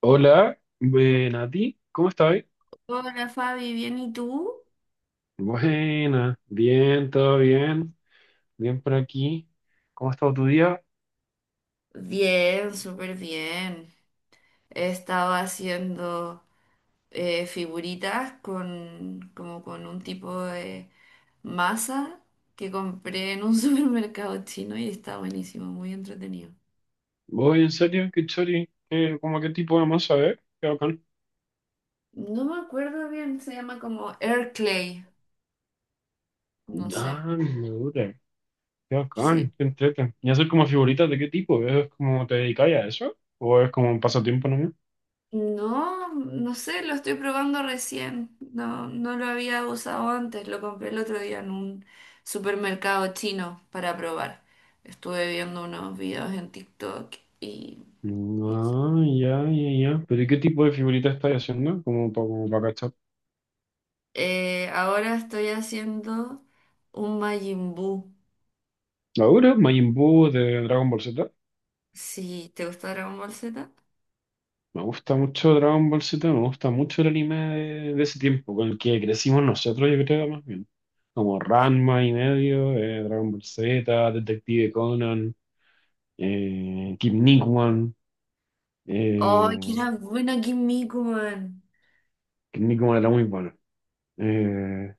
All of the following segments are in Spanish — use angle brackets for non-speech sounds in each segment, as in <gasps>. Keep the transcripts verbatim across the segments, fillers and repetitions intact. Hola, buena a ti, ¿cómo estás? Hola Fabi, ¿bien y tú? Buena, bien, todo bien, bien por aquí. ¿Cómo ha estado tu día? Bien, súper bien. He estado haciendo eh, figuritas con, como con un tipo de masa que compré en un <laughs> supermercado chino y está buenísimo, muy entretenido. Voy, en serio, qué chori. ¿Qué- cómo qué tipo de masa, eh? Qué bacán. No me acuerdo bien, se llama como Air Clay, no Ah, sé. mira, qué Sí. bacán, qué entrete. ¿Y hacer como figuritas de qué tipo? ¿Es como te dedicáis a eso? ¿O es como un pasatiempo nomás? No, no sé, lo estoy probando recién. No, no lo había usado antes, lo compré el otro día en un supermercado chino para probar. Estuve viendo unos videos en TikTok y Ah, ya, ya, ya. ¿Pero y qué tipo de figuritas estás haciendo? Como para, como para cachar. eh, ahora estoy haciendo un Majin Buu. ¿Ahora? ¿Majin Buu de Dragon Ball Z? Si te gusta Dragon Ball Z. Me gusta mucho Dragon Ball Z, me gusta mucho el anime de, de ese tiempo, con el que crecimos nosotros, yo creo, más bien. Como Ranma y medio, eh, Dragon Ball Z, Detective Conan, eh, Kid Nickman. ¡Oh, que Eh, era bueno aquí en Miku, man! Kid Nickman era muy bueno. Eh,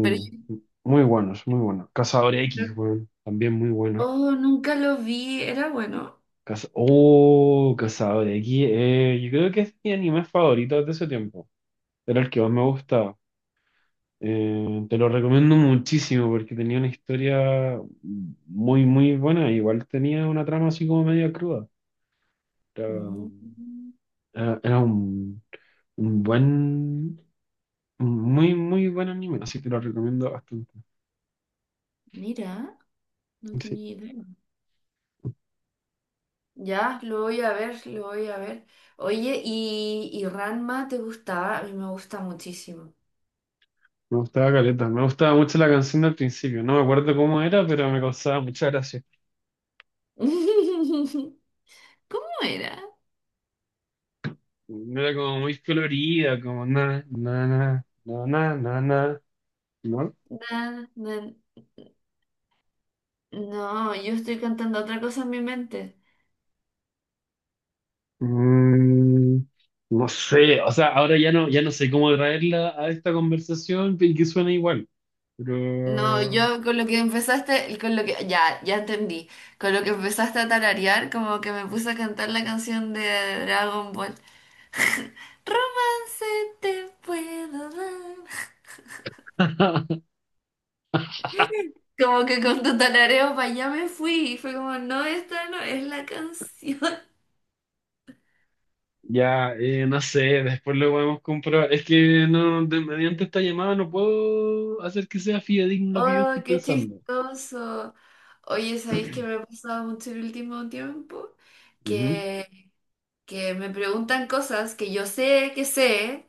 Pero yo- muy buenos, muy buenos. Cazador X, weón, también muy bueno. oh, nunca lo vi, era bueno. Caza- oh, Cazador X, eh, yo creo que es mi anime favorito de ese tiempo. Era el que más me gustaba. Eh, te lo recomiendo muchísimo porque tenía una historia muy, muy buena. Igual tenía una trama así como media cruda. Era, Mm, era- Era un, un buen, un muy, muy buen anime. Así que te lo recomiendo bastante. mira, no Sí, tenía idea. Ya, lo voy a ver, lo voy a ver. Oye, ¿y, y Ranma te gustaba? A mí me gusta muchísimo. me gustaba caleta. Me gustaba mucho la canción del principio. No me acuerdo cómo era, pero me causaba mucha gracia. <laughs> ¿Cómo era? No. Era como muy colorida, como na, na, na, na, na, na, na, ¿no? Na, na- no, yo estoy cantando otra cosa en mi mente. Mm, no sé, o sea, ahora ya no, ya no sé cómo traerla a esta conversación y que suene igual, No, pero yo con lo que empezaste, con lo que, ya, ya entendí. Con lo que empezaste a tararear, como que me puse a cantar la canción de Dragon Ball. <laughs> Romance te puedo dar. <laughs> Como que con tu talareo para allá me fui. Y fue como, no, esta no es la canción. <laughs> ya, eh, no sé, después lo podemos comprobar. Es que no, de- mediante esta llamada no puedo hacer que sea fidedigno lo que yo Oh, estoy qué pensando. chistoso. Oye, ¿sabéis que me ha pasado mucho el último tiempo? Ujú. Que, que me preguntan cosas que yo sé que sé,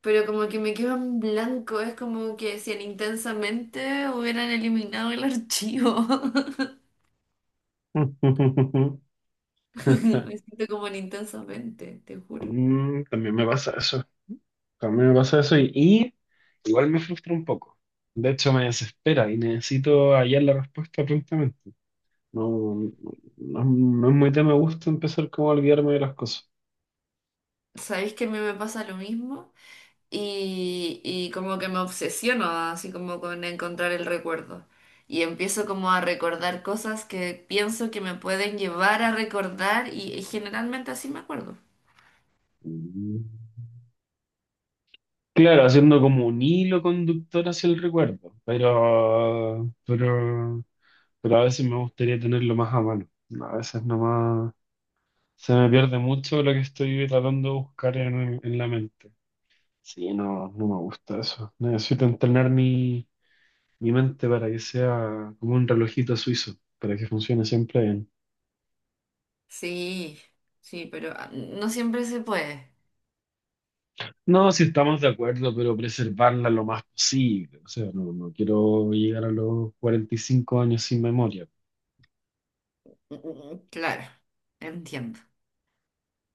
pero como que me quedo en blanco. Es como que si en intensamente hubieran eliminado el archivo. <laughs> <laughs> Me siento como en intensamente, te juro. Mm, también me pasa eso, también me pasa eso y, y igual me frustra un poco. De hecho, me desespera y necesito hallar la respuesta prontamente. No, no, no es muy de me gusta empezar como a olvidarme de las cosas. ¿Sabéis que a mí me pasa lo mismo? y, y como que me obsesiono así como con encontrar el recuerdo. Y empiezo como a recordar cosas que pienso que me pueden llevar a recordar y, y generalmente así me acuerdo. Mm. Claro, haciendo como un hilo conductor hacia el recuerdo, pero, pero, pero a veces me gustaría tenerlo más a mano. A veces nomás se me pierde mucho lo que estoy tratando de buscar en, en la mente. Sí, no, no me gusta eso. Necesito entrenar mi, mi mente para que sea como un relojito suizo, para que funcione siempre. Sí, sí, pero ah, no siempre se puede. No, si estamos de acuerdo, pero preservarla lo más posible. O sea, no, no quiero llegar a los cuarenta y cinco años sin memoria. Mm, mm, mm, claro, entiendo,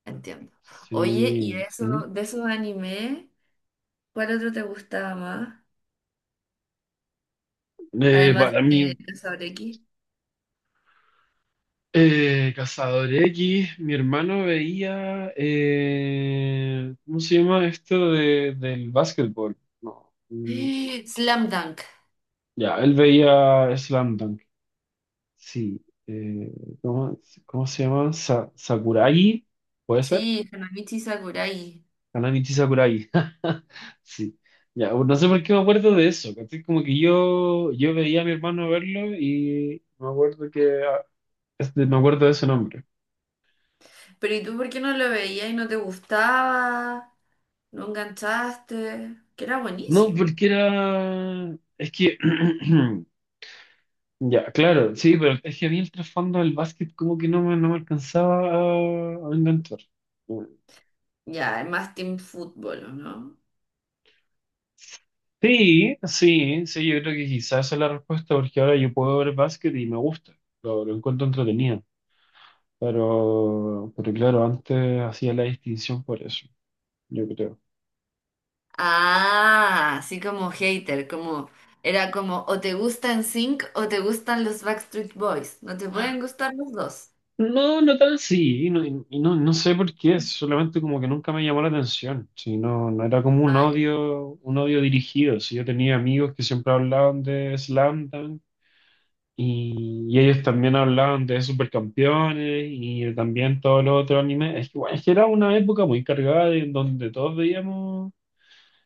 entiendo. Oye, ¿y de Sí. ¿Mm? eso, de esos animes, cuál otro te gustaba más? Eh, Además para de mí, Casablanca. eh, Cazador X, mi hermano veía, eh, ¿cómo se llama esto de, del básquetbol? No. mm, co- <gasps> Slam Dunk. Ya, él veía Slam Dunk. Sí. eh, ¿cómo, cómo se llama? Sa- Sakuragi, ¿puede ser? Sí, Hanamichi Sakurai. Kanamichi Sakurai. <laughs> Sí. Ya, bueno, no sé por qué me acuerdo de eso, ¿cachai? Como que yo, yo veía a mi hermano verlo y me acuerdo que ah, este, me acuerdo de ese nombre. Pero ¿y tú por qué no lo veías y no te gustaba? ¿No enganchaste? Que era No, buenísimo. porque era. Es que. <clears throat> Ya, claro, sí, pero es que a mí el trasfondo del básquet como que no me, no me alcanzaba a, a enganchar. Ya, es más team fútbol, ¿o ¿no? Sí, sí, sí, yo creo que quizás esa es la respuesta, porque ahora yo puedo ver básquet y me gusta. Lo, lo encuentro entretenido. Pero, pero claro, antes hacía la distinción por eso, yo creo. Ah, así como hater, como era como o te gustan Sync o te gustan los Backstreet Boys. No te pueden gustar los dos. No, no tan así, y no, y no, no sé por qué, solamente como que nunca me llamó la atención, si no, no era como un Ah, ya. odio, un odio dirigido, si yo tenía amigos que siempre hablaban de Slam Dunk, y, y ellos también hablaban de Supercampeones y también todos los otros animes, es que, bueno, es que era una época muy cargada en donde todos veíamos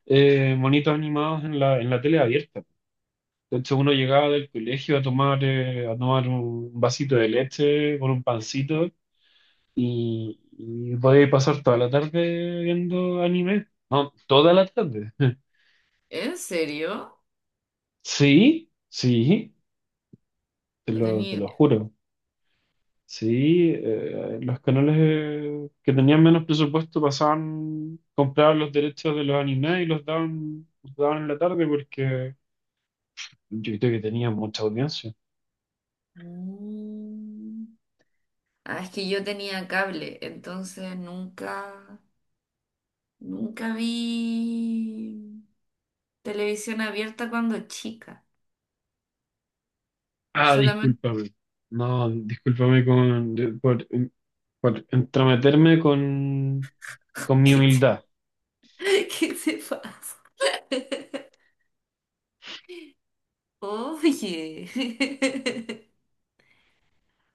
eh, monitos animados en la, en la tele abierta. De hecho, uno llegaba del colegio a tomar, eh, a tomar un vasito de leche con un pancito y, y podía pasar toda la tarde viendo anime. No, toda la tarde. <laughs> ¿En serio? Sí, sí, te No lo, tenía te lo idea. juro. Sí, eh, los canales eh, que tenían menos presupuesto pasaban, compraban los derechos de los animes y los daban, los daban en la tarde porque yo creo que tenían mucha audiencia. Mm. Ah, es que yo tenía cable, entonces nunca, nunca vi televisión abierta cuando chica. Ah, Solamente... discúlpame. No, discúlpame con, de- por por entrometerme con, <laughs> con mi ¿Qué humildad. te, qué te pasa? <laughs> Oye. <laughs>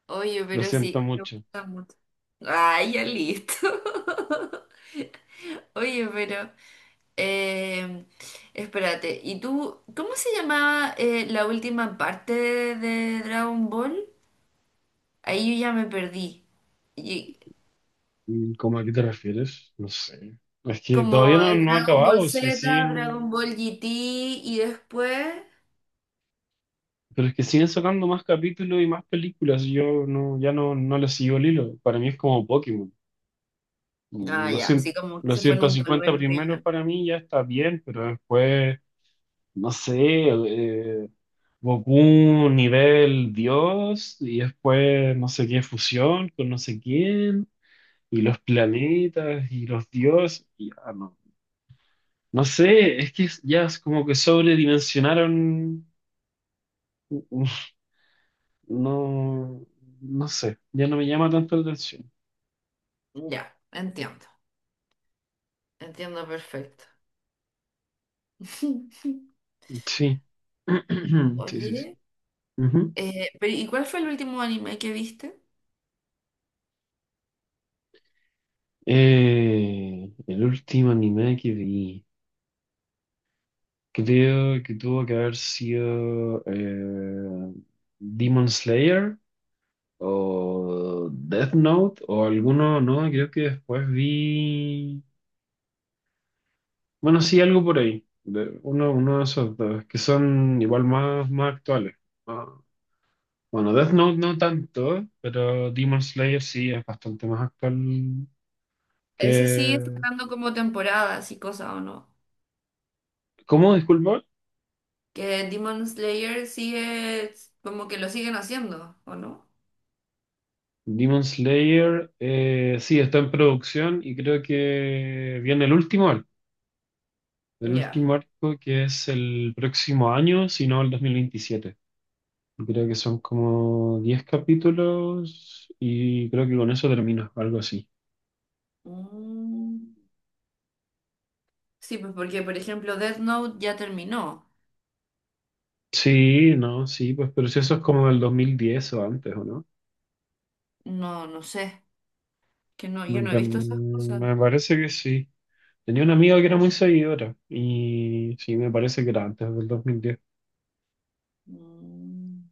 Oye, Lo pero siento sí, me mucho. gusta mucho. Ay, ya listo. <laughs> Oye, pero... eh, espérate, ¿y tú cómo se llamaba eh, la última parte de, de Dragon Ball? Ahí yo ya me perdí. Y, Mm, ¿cómo, a qué te refieres? No sé. Es que todavía como no, eh, no ha Dragon Ball acabado, sí, Z, Dragon siguen, Ball G T y después... pero es que siguen sacando más capítulos y más películas. Yo no, ya no, no le sigo el hilo. Para mí es como Pokémon. Mm, Ah, Los ya, cien- así como que los se fue en ciento un cincuenta tolveno que yo primeros para mí ya está bien, pero después, no sé, eh, Goku nivel Dios y después no sé qué fusión con no sé quién, y los planetas y los dioses, y ah, no. No sé, es que es- ya es como que sobredimensionaron, u- u- no, no sé, ya no me llama tanto la atención. no. Ya, entiendo, entiendo perfecto. <laughs> Sí, <clears throat> sí, sí, sí. Oye, Ujú. eh, pero ¿y cuál fue el último anime que viste? Eh, el último anime que vi, creo que tuvo que haber sido eh, Demon Slayer o Death Note o alguno, no, creo que después vi. Bueno, sí, algo por ahí. De uno, uno de esos dos, que son igual más, más actuales. Ah, bueno, Death Note no tanto, pero Demon Slayer sí es bastante más actual Ese sigue que... sacando como temporadas y cosas, ¿o no? ¿Cómo? Disculpa. Que Demon Slayer sigue, como que lo siguen haciendo, ¿o no? Demon Slayer eh, sí está en producción y creo que viene el último arco. El Ya. último arco que es el próximo año, si no el dos mil veintisiete. Creo que son como diez capítulos y creo que con eso termina, algo así. Mm. Sí, pues porque, por ejemplo, Death Note ya terminó. Sí, no, sí, pues, pero si eso es como del dos mil diez o antes, ¿o no? No, no sé, que no, yo Me, no he pa- visto esas cosas. me parece que sí. Tenía una amiga que era muy seguidora y sí, me parece que era antes del dos mil diez. Mm,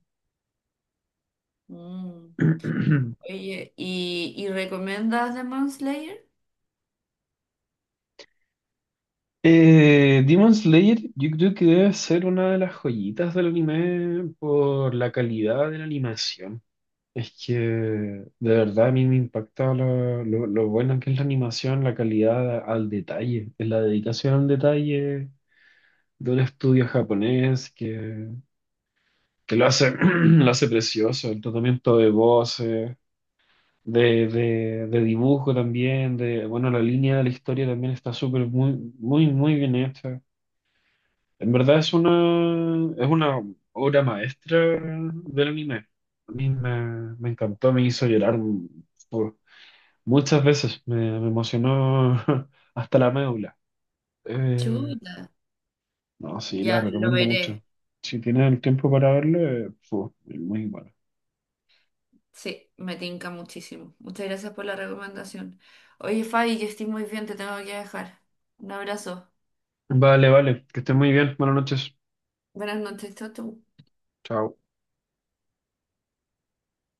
mm. <clears throat> Oye, ¿y, y recomiendas Demon Slayer? Eh, Demon Slayer, yo creo que debe ser una de las joyitas del anime por la calidad de la animación. Es que de verdad a mí me impacta lo, lo, lo buena que es la animación, la calidad al detalle, la dedicación al detalle de un estudio japonés que, que lo hace, <clears throat> lo hace precioso, el tratamiento de voces, de, de, de dibujo también, de, bueno, la línea de la historia también está súper, muy, muy, muy, bien hecha. En verdad es una, es una obra maestra del anime. A mí me, me encantó, me hizo llorar por- muchas veces, me, me emocionó <laughs> hasta la médula. Eh, Chuta. No, sí, la Ya, lo recomiendo mucho. veré. Si tienes el tiempo para verlo, eh, fu, es muy bueno. Sí, me tinca muchísimo. Muchas gracias por la recomendación. Oye, Fabi, que estoy muy bien, te tengo que dejar. Un abrazo. Vale, vale, que estés muy bien. Buenas noches. Buenas noches, chao, chao. Chao.